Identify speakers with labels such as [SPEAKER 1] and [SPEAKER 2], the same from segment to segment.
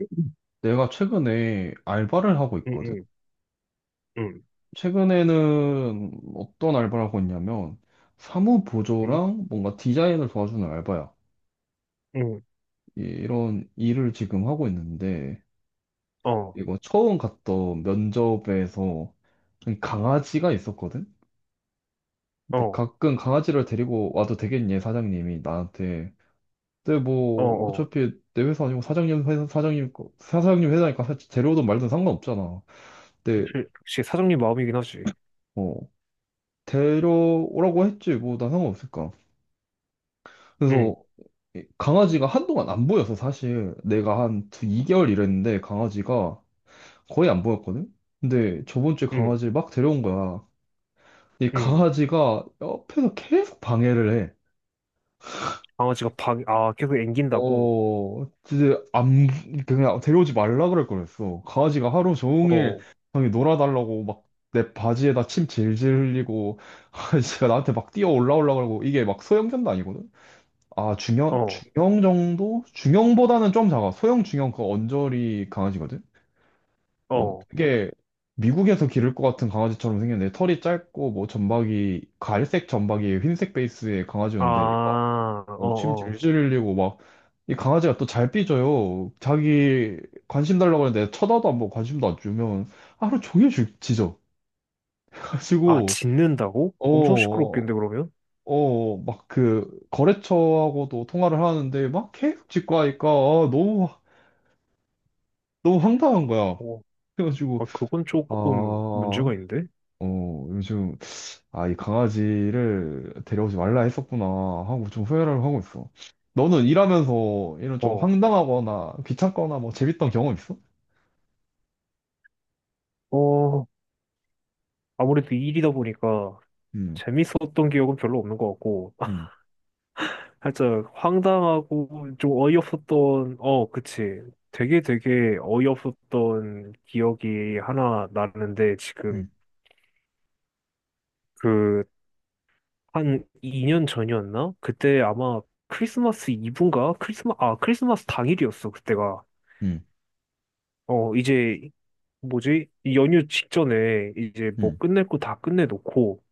[SPEAKER 1] 응,
[SPEAKER 2] 내가 최근에 알바를 하고 있거든?
[SPEAKER 1] 응,
[SPEAKER 2] 최근에는 어떤 알바를 하고 있냐면, 사무
[SPEAKER 1] 응,
[SPEAKER 2] 보조랑 뭔가 디자인을 도와주는 알바야.
[SPEAKER 1] 응,
[SPEAKER 2] 이런 일을 지금 하고 있는데,
[SPEAKER 1] 어,
[SPEAKER 2] 이거 처음 갔던 면접에서 강아지가 있었거든? 근데
[SPEAKER 1] 어,
[SPEAKER 2] 가끔 강아지를 데리고 와도 되겠니? 사장님이 나한테. 근데
[SPEAKER 1] 어,
[SPEAKER 2] 뭐,
[SPEAKER 1] 어.
[SPEAKER 2] 어차피 내 회사 아니고 사장님 회사, 사장님, 사장님 회사니까 데려오든 말든 상관없잖아. 근데
[SPEAKER 1] 역시, 역시 사장님 마음이긴 하지.
[SPEAKER 2] 뭐 데려오라고 했지 뭐 난 상관없을까
[SPEAKER 1] 응,
[SPEAKER 2] 그래서 이 강아지가 한동안 안 보여서 사실 내가 한 2개월 일했는데 강아지가 거의 안 보였거든. 근데 저번 주에
[SPEAKER 1] 응,
[SPEAKER 2] 강아지를 막 데려온 거야. 이
[SPEAKER 1] 응.
[SPEAKER 2] 강아지가 옆에서 계속 방해를 해.
[SPEAKER 1] 강아지가 방, 아, 계속 앵긴다고?
[SPEAKER 2] 어, 진짜 안, 그냥 데려오지 말라 그럴 거랬어. 강아지가 하루 종일
[SPEAKER 1] 어,
[SPEAKER 2] 형이 놀아달라고 막 내 바지에다 침 질질 흘리고, 강아지가 나한테 막 뛰어 올라오려고 그러고, 이게 막 소형견도 아니거든? 아, 중형,
[SPEAKER 1] 어,
[SPEAKER 2] 중형 정도? 중형보다는 좀 작아. 소형, 중형, 그 언저리 강아지거든? 어,
[SPEAKER 1] 어.
[SPEAKER 2] 되게 미국에서 기를 것 같은 강아지처럼 생겼는데, 털이 짧고, 뭐, 점박이, 갈색 점박이, 흰색 베이스의
[SPEAKER 1] 아,
[SPEAKER 2] 강아지였는데, 이거, 어, 침
[SPEAKER 1] 어, 어.
[SPEAKER 2] 질질 흘리고, 막, 이 강아지가 또 잘 삐져요. 자기 관심 달라고 하는데, 쳐다도 안 보고 관심도 안 주면, 하루 종일 짖어.
[SPEAKER 1] 아,
[SPEAKER 2] 가지고,
[SPEAKER 1] 짖는다고? 엄청
[SPEAKER 2] 어,
[SPEAKER 1] 시끄럽겠는데, 그러면?
[SPEAKER 2] 어, 막 그, 거래처하고도 통화를 하는데, 막 계속 짖고 하니까, 아, 너무 너무 황당한 거야.
[SPEAKER 1] 어,
[SPEAKER 2] 그래가지고
[SPEAKER 1] 아, 그건
[SPEAKER 2] 아,
[SPEAKER 1] 조금
[SPEAKER 2] 어,
[SPEAKER 1] 문제가 있는데?
[SPEAKER 2] 요즘, 아, 이 강아지를 데려오지 말라 했었구나 하고 좀 후회를 하고 있어. 너는 일하면서 이런 좀
[SPEAKER 1] 어,
[SPEAKER 2] 황당하거나 귀찮거나 뭐 재밌던 경험 있어?
[SPEAKER 1] 어. 아무래도 일이다 보니까
[SPEAKER 2] 음,
[SPEAKER 1] 재밌었던 기억은 별로 없는 것 같고,
[SPEAKER 2] 음,
[SPEAKER 1] 살짝 황당하고 좀 어이없었던, 어, 그치. 되게 되게 어이없었던 기억이 하나 나는데 지금,
[SPEAKER 2] 음,
[SPEAKER 1] 그 한 2년 전이었나? 그때 아마 크리스마스 이브인가? 크리스마스 당일이었어, 그때가.
[SPEAKER 2] 음,
[SPEAKER 1] 어, 이제 뭐지? 이 연휴 직전에 이제 뭐
[SPEAKER 2] 음,
[SPEAKER 1] 끝낼 거 다 끝내놓고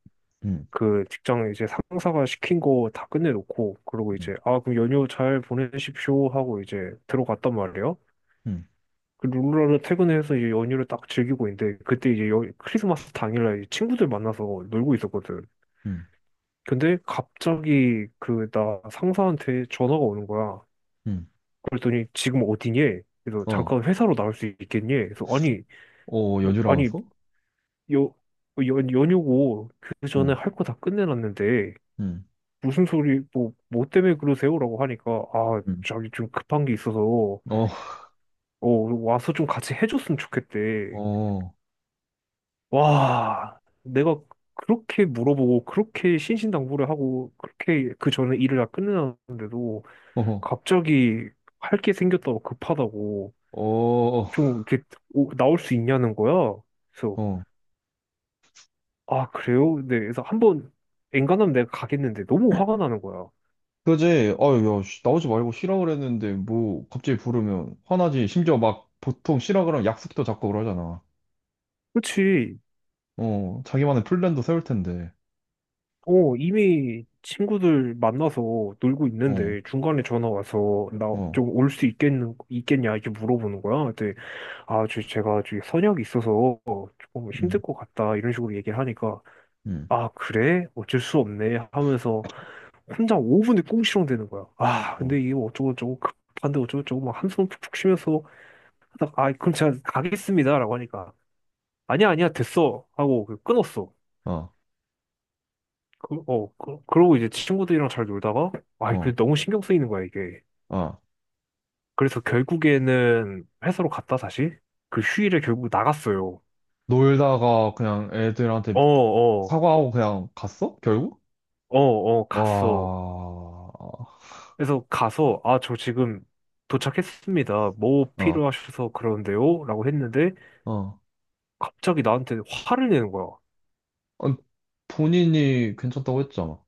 [SPEAKER 2] 음,
[SPEAKER 1] 그 직장 이제 상사가 시킨 거 다 끝내놓고 그러고
[SPEAKER 2] 음,
[SPEAKER 1] 이제, 아, 그럼 연휴 잘 보내십시오 하고 이제 들어갔단 말이야.
[SPEAKER 2] 음,
[SPEAKER 1] 그 룰루라도 퇴근해서 이제 연휴를 딱 즐기고 있는데 그때 이제 크리스마스 당일날 이제 친구들 만나서 놀고 있었거든.
[SPEAKER 2] 음,
[SPEAKER 1] 근데 갑자기 그 나 상사한테 전화가 오는 거야.
[SPEAKER 2] 음.
[SPEAKER 1] 그랬더니 지금 어디니? 그래서
[SPEAKER 2] 어,
[SPEAKER 1] 잠깐 회사로 나올 수 있겠니? 그래서 아니,
[SPEAKER 2] 어,
[SPEAKER 1] 뭐 아니
[SPEAKER 2] 연주라면서?
[SPEAKER 1] 여 연, 연휴고 그 전에
[SPEAKER 2] 응,
[SPEAKER 1] 할 거 다 끝내놨는데
[SPEAKER 2] 응,
[SPEAKER 1] 무슨 소리, 뭐 때문에 그러세요라고 하니까, 아
[SPEAKER 2] 응,
[SPEAKER 1] 저기 좀 급한 게 있어서
[SPEAKER 2] 어,
[SPEAKER 1] 어 와서 좀 같이 해줬으면 좋겠대.
[SPEAKER 2] 어,
[SPEAKER 1] 와, 내가 그렇게 물어보고, 그렇게 신신당부를 하고, 그렇게 그 전에 일을 다 끝내놨는데도,
[SPEAKER 2] 어,
[SPEAKER 1] 갑자기 할 게 생겼다고, 급하다고,
[SPEAKER 2] 어,
[SPEAKER 1] 좀 이렇게 나올 수 있냐는 거야. 그래서,
[SPEAKER 2] 어.
[SPEAKER 1] 아, 그래요? 네, 그래서 한번, 엔간하면 내가 가겠는데, 너무 화가 나는 거야.
[SPEAKER 2] 그지? 아유, 야, 씨, 나오지 말고 쉬라 그랬는데, 뭐, 갑자기 부르면 화나지. 심지어 막, 보통 쉬라 그러면 약속도 잡고 그러잖아.
[SPEAKER 1] 그치.
[SPEAKER 2] 어, 자기만의 플랜도 세울 텐데.
[SPEAKER 1] 어, 이미 친구들 만나서 놀고
[SPEAKER 2] 어,
[SPEAKER 1] 있는데, 중간에 전화 와서, 나
[SPEAKER 2] 어,
[SPEAKER 1] 좀 올 수 있겠는, 있겠냐, 이렇게 물어보는 거야. 네. 아, 저, 제가 저기 선약이 있어서 조금 힘들
[SPEAKER 2] 음,
[SPEAKER 1] 것 같다 이런 식으로 얘기를 하니까,
[SPEAKER 2] 음,
[SPEAKER 1] 아, 그래? 어쩔 수 없네 하면서 혼자 5분을 꽁시렁 대는 거야. 아,
[SPEAKER 2] 어,
[SPEAKER 1] 근데 이게 어쩌고저쩌고 급한데 어쩌고저쩌고 막 한숨 푹푹 쉬면서 하다가, 아, 그럼 제가 가겠습니다라고 하니까 아니야 아니야 됐어 하고 그 끊었어.
[SPEAKER 2] 어,
[SPEAKER 1] 그러고 이제 친구들이랑 잘 놀다가, 아,
[SPEAKER 2] 어,
[SPEAKER 1] 그 너무 신경 쓰이는 거야 이게.
[SPEAKER 2] 아.
[SPEAKER 1] 그래서 결국에는 회사로 갔다 다시 그 휴일에 결국 나갔어요.
[SPEAKER 2] 놀다가 그냥 애들한테
[SPEAKER 1] 어, 어,
[SPEAKER 2] 사과하고 그냥 갔어? 결국?
[SPEAKER 1] 어, 어,
[SPEAKER 2] 와,
[SPEAKER 1] 갔어.
[SPEAKER 2] 어,
[SPEAKER 1] 그래서 가서, 아, 저 지금 도착했습니다. 뭐 필요하셔서 그러는데요? 라고 했는데,
[SPEAKER 2] 어.
[SPEAKER 1] 갑자기 나한테 화를 내는 거야.
[SPEAKER 2] 아니, 본인이 괜찮다고 했잖아.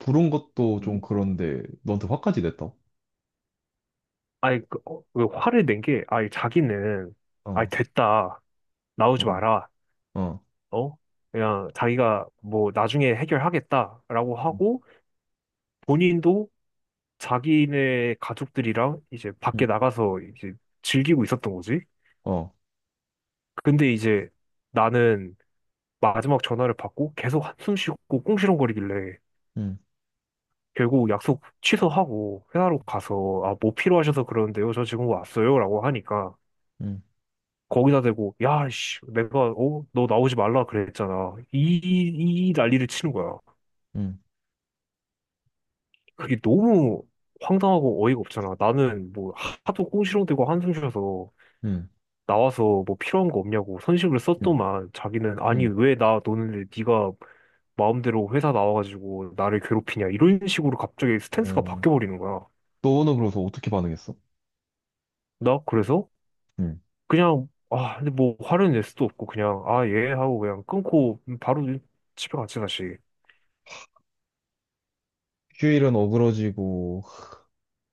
[SPEAKER 2] 부른 것도 좀
[SPEAKER 1] 음.
[SPEAKER 2] 그런데, 너한테 화까지 냈다고?
[SPEAKER 1] 아니, 그, 어, 그 화를 낸 게, 아니, 자기는, 아니,
[SPEAKER 2] 어,
[SPEAKER 1] 됐다.
[SPEAKER 2] 어,
[SPEAKER 1] 나오지 마라.
[SPEAKER 2] 어.
[SPEAKER 1] 어? 그냥 자기가 뭐 나중에 해결하겠다라고
[SPEAKER 2] 음,
[SPEAKER 1] 하고, 본인도 자기네 가족들이랑 이제 밖에 나가서 이제 즐기고 있었던 거지.
[SPEAKER 2] 어.
[SPEAKER 1] 근데 이제 나는 마지막 전화를 받고 계속 한숨 쉬고 꽁시렁거리길래,
[SPEAKER 2] 음.
[SPEAKER 1] 결국 약속 취소하고 회사로 가서, 아, 뭐 필요하셔서 그러는데요. 저 지금 왔어요. 라고 하니까
[SPEAKER 2] 음,
[SPEAKER 1] 거기다 대고, 야, 씨, 내가 어, 너 나오지 말라 그랬잖아. 이 난리를 치는 거야.
[SPEAKER 2] 음,
[SPEAKER 1] 그게 너무 황당하고 어이가 없잖아. 나는 뭐 하도 꽁시렁대고 한숨 쉬어서
[SPEAKER 2] 음,
[SPEAKER 1] 나와서 뭐 필요한 거 없냐고 선심을
[SPEAKER 2] 음,
[SPEAKER 1] 썼더만, 자기는 아니
[SPEAKER 2] 음.
[SPEAKER 1] 왜 나 노는데 네가 마음대로 회사 나와가지고 나를 괴롭히냐 이런 식으로 갑자기 스탠스가
[SPEAKER 2] 어,
[SPEAKER 1] 바뀌어버리는 거야.
[SPEAKER 2] 너는 그래서 어떻게 반응했어?
[SPEAKER 1] 나 그래서
[SPEAKER 2] 음.
[SPEAKER 1] 그냥, 아 근데 뭐 화를 낼 수도 없고 그냥 아 예 하고 그냥 끊고 바로 집에 갔지 다시.
[SPEAKER 2] 휴일은 어그러지고,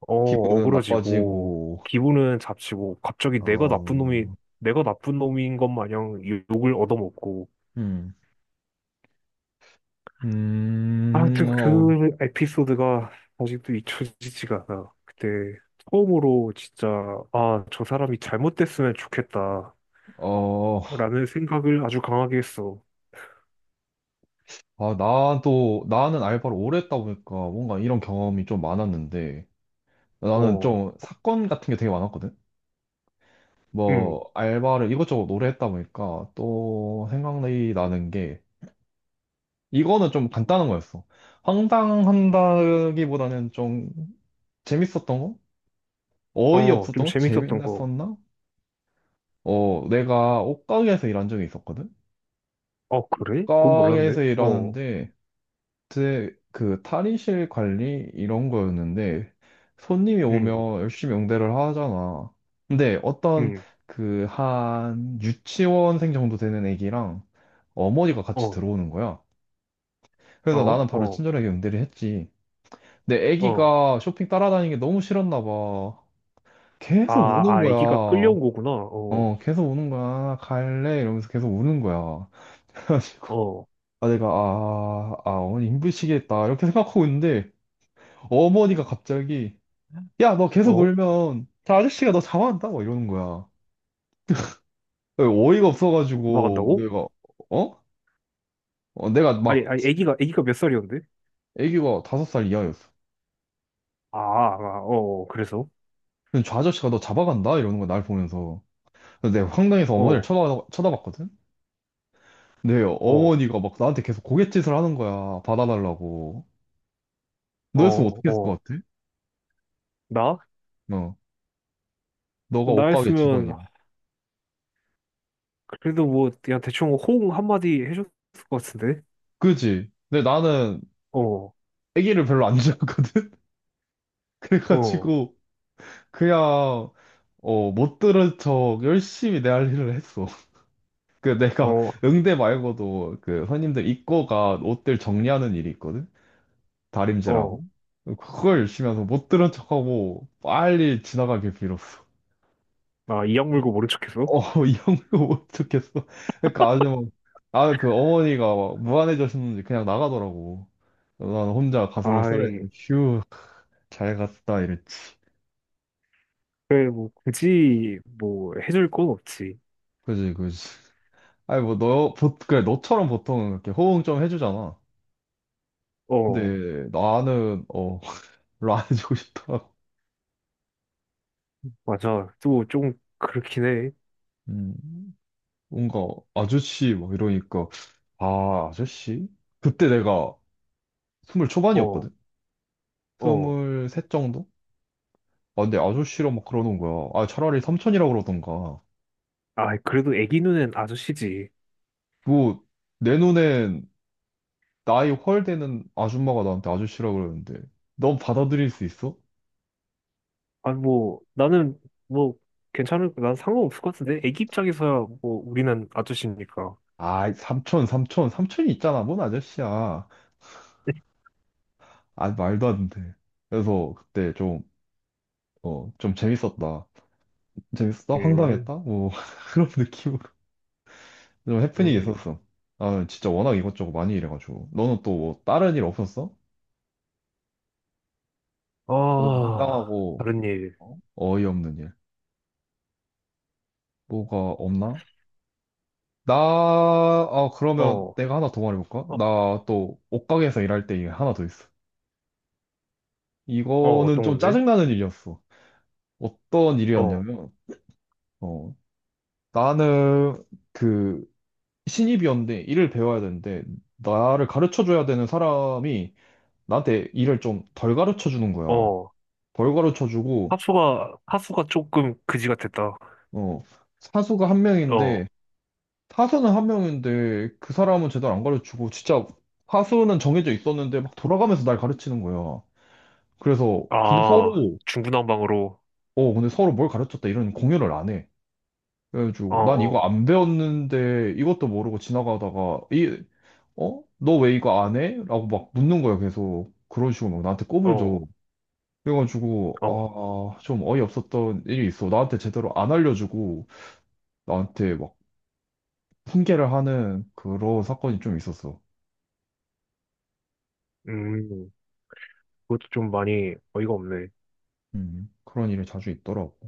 [SPEAKER 1] 어
[SPEAKER 2] 기분은
[SPEAKER 1] 어그러지고,
[SPEAKER 2] 나빠지고,
[SPEAKER 1] 기분은 잡치고, 갑자기 내가 나쁜 놈이,
[SPEAKER 2] 어,
[SPEAKER 1] 내가 나쁜 놈인 것 마냥 욕을 얻어먹고.
[SPEAKER 2] 음,
[SPEAKER 1] 하여튼
[SPEAKER 2] 어,
[SPEAKER 1] 그 에피소드가 아직도 잊혀지지가 않아. 그때 처음으로 진짜, 아 저 사람이 잘못됐으면 좋겠다
[SPEAKER 2] 어,
[SPEAKER 1] 라는 생각을 아주 강하게 했어.
[SPEAKER 2] 아, 나도, 나는 알바를 오래 했다 보니까 뭔가 이런 경험이 좀 많았는데, 나는
[SPEAKER 1] 어.
[SPEAKER 2] 좀 사건 같은 게 되게 많았거든? 뭐,
[SPEAKER 1] 응.
[SPEAKER 2] 알바를 이것저것 오래 했다 보니까 또 생각이 나는 게, 이거는 좀 간단한 거였어. 황당한다기보다는 좀 재밌었던 거?
[SPEAKER 1] 어, 좀
[SPEAKER 2] 어이없었던 거?
[SPEAKER 1] 재밌었던 거.
[SPEAKER 2] 재밌었나? 어, 내가 옷가게에서 일한 적이 있었거든?
[SPEAKER 1] 어, 그래? 그건 몰랐네.
[SPEAKER 2] 옷가게에서
[SPEAKER 1] 어.
[SPEAKER 2] 일하는데, 제, 그 탈의실 관리 이런 거였는데, 손님이
[SPEAKER 1] 응,
[SPEAKER 2] 오면 열심히 응대를 하잖아. 근데 어떤,
[SPEAKER 1] 응,
[SPEAKER 2] 그 한 유치원생 정도 되는 애기랑 어머니가 같이
[SPEAKER 1] 어,
[SPEAKER 2] 들어오는 거야. 그래서
[SPEAKER 1] 어,
[SPEAKER 2] 나는 바로
[SPEAKER 1] 어,
[SPEAKER 2] 친절하게 응대를 했지. 근데
[SPEAKER 1] 어.
[SPEAKER 2] 애기가 쇼핑 따라다니는 게 너무 싫었나 봐.
[SPEAKER 1] 아,
[SPEAKER 2] 계속 우는
[SPEAKER 1] 아, 애기가
[SPEAKER 2] 거야.
[SPEAKER 1] 끌려온 거구나. 어,
[SPEAKER 2] 어, 계속 우는 거야. 갈래? 이러면서 계속 우는 거야. 그래가지고,
[SPEAKER 1] 어,
[SPEAKER 2] 아, 내가, 아, 아, 어머니 힘드시겠다. 이렇게 생각하고 있는데, 어머니가 갑자기, 야, 너 계속
[SPEAKER 1] 어.
[SPEAKER 2] 울면, 저 아저씨가 너 잡아간다? 막 이러는 거야. 예, 어이가 없어가지고,
[SPEAKER 1] 도망간다고?
[SPEAKER 2] 내가, 어? 어, 내가
[SPEAKER 1] 아니,
[SPEAKER 2] 막,
[SPEAKER 1] 아니, 아기가 몇 살이었는데?
[SPEAKER 2] 애기가 다섯 살 이하였어.
[SPEAKER 1] 아, 아, 어, 그래서?
[SPEAKER 2] 근데 저 아저씨가 너 잡아간다? 이러는 거야, 날 보면서. 그래서 내가 황당해서 어머니를
[SPEAKER 1] 어,
[SPEAKER 2] 쳐다봤거든? 내
[SPEAKER 1] 어,
[SPEAKER 2] 어머니가 막 나한테 계속 고갯짓을 하는 거야. 받아달라고.
[SPEAKER 1] 어,
[SPEAKER 2] 너였으면 어떻게 했을
[SPEAKER 1] 어.
[SPEAKER 2] 것 같아?
[SPEAKER 1] 나?
[SPEAKER 2] 어. 너가 옷가게 직원이야.
[SPEAKER 1] 나였으면, 그래도 뭐, 그냥 대충 호응 한마디 해줬을 것 같은데?
[SPEAKER 2] 그지? 근데 나는
[SPEAKER 1] 어,
[SPEAKER 2] 애기를 별로 안 좋아하거든?
[SPEAKER 1] 어,
[SPEAKER 2] 그래가지고 그냥, 어, 못 들은 척 열심히 내 할 일을 했어. 그 내가
[SPEAKER 1] 어,
[SPEAKER 2] 응대 말고도 그 손님들 입고가 옷들 정리하는 일이 있거든?
[SPEAKER 1] 어.
[SPEAKER 2] 다림질하고. 그걸 열심히 해서 못 들은 척하고 빨리 지나가길 빌었어.
[SPEAKER 1] 아, 이악 물고 모른 척했어?
[SPEAKER 2] 어, 이 형도 못 듣겠어. 그러니까 아주 막, 아, 그 어머니가 막 무안해졌는지 그냥 나가더라고. 난 혼자 가슴을 썰어야 돼.
[SPEAKER 1] 아이,
[SPEAKER 2] 휴, 잘 갔다, 이랬지.
[SPEAKER 1] 그래, 뭐, 굳이, 뭐, 해줄 건 없지.
[SPEAKER 2] 그지, 그지. 아니, 뭐, 너, 보, 그래, 너처럼 보통은 이렇게 호응 좀 해주잖아.
[SPEAKER 1] 어,
[SPEAKER 2] 근데 나는, 어, 별로 안 해주고 싶더라고.
[SPEAKER 1] 맞아. 또, 좀, 그렇긴 해.
[SPEAKER 2] 음, 뭔가, 아저씨, 막 이러니까, 아, 아저씨? 그때 내가 스물
[SPEAKER 1] 어,
[SPEAKER 2] 초반이었거든?
[SPEAKER 1] 어.
[SPEAKER 2] 스물셋 정도? 아, 근데 아저씨라 막 그러는 거야. 아, 차라리 삼촌이라 그러던가.
[SPEAKER 1] 아, 그래도 애기 눈엔 아저씨지.
[SPEAKER 2] 뭐, 내 눈엔 나이 헐되는 아줌마가 나한테 아저씨라 그러는데, 넌 받아들일 수 있어?
[SPEAKER 1] 아, 뭐, 나는, 뭐, 괜찮을, 난 상관없을 것 같은데? 애기 입장에서야, 뭐, 우리는 아저씨니까.
[SPEAKER 2] 아, 삼촌, 삼촌, 삼촌이 있잖아. 뭔 아저씨야. 아, 말도 안 돼. 그래서 그때 좀, 어, 좀 재밌었다. 재밌었다?
[SPEAKER 1] 음,
[SPEAKER 2] 황당했다? 뭐, 그런 느낌으로. 좀 해프닝이
[SPEAKER 1] 음.
[SPEAKER 2] 있었어. 아, 진짜 워낙 이것저것 많이 일해가지고. 너는 또 뭐, 다른 일 없었어? 뭐,
[SPEAKER 1] 아,
[SPEAKER 2] 황당하고,
[SPEAKER 1] 다른 일.
[SPEAKER 2] 어? 어이없는 일. 뭐가 없나? 나, 아, 그러면
[SPEAKER 1] 어,
[SPEAKER 2] 내가 하나 더 말해볼까?
[SPEAKER 1] 어,
[SPEAKER 2] 나 또 옷가게에서 일할 때 이게 하나 더 있어.
[SPEAKER 1] 어,
[SPEAKER 2] 이거는
[SPEAKER 1] 어떤
[SPEAKER 2] 좀
[SPEAKER 1] 건데?
[SPEAKER 2] 짜증나는 일이었어. 어떤
[SPEAKER 1] 어,
[SPEAKER 2] 일이었냐면, 어, 나는 그 신입이었는데 일을 배워야 되는데, 나를 가르쳐줘야 되는 사람이 나한테 일을 좀 덜 가르쳐주는 거야.
[SPEAKER 1] 어.
[SPEAKER 2] 덜 가르쳐주고,
[SPEAKER 1] 하수가 조금 그지 같았다.
[SPEAKER 2] 어, 사수가 한
[SPEAKER 1] 어,
[SPEAKER 2] 명인데, 사수는 한 명인데 그 사람은 제대로 안 가르치고, 진짜 사수는 정해져 있었는데 막 돌아가면서 날 가르치는 거야. 그래서 근데
[SPEAKER 1] 아,
[SPEAKER 2] 서로,
[SPEAKER 1] 중구난방으로.
[SPEAKER 2] 어, 근데 서로 뭘 가르쳤다 이런 공유를 안 해.
[SPEAKER 1] 어,
[SPEAKER 2] 그래가지고 난 이거
[SPEAKER 1] 어,
[SPEAKER 2] 안 배웠는데 이것도 모르고 지나가다가 이, 어? 너 왜 이거 안 해? 라고 막 묻는 거야. 계속 그런 식으로 막 나한테 꼽을 줘.
[SPEAKER 1] 어,
[SPEAKER 2] 그래가지고
[SPEAKER 1] 어.
[SPEAKER 2] 아 좀 어이없었던 일이 있어. 나한테 제대로 안 알려주고 나한테 막 훈계를 하는 그런 사건이 좀 있었어.
[SPEAKER 1] 음, 그것도 좀 많이 어이가 없네.
[SPEAKER 2] 그런 일이 자주 있더라고.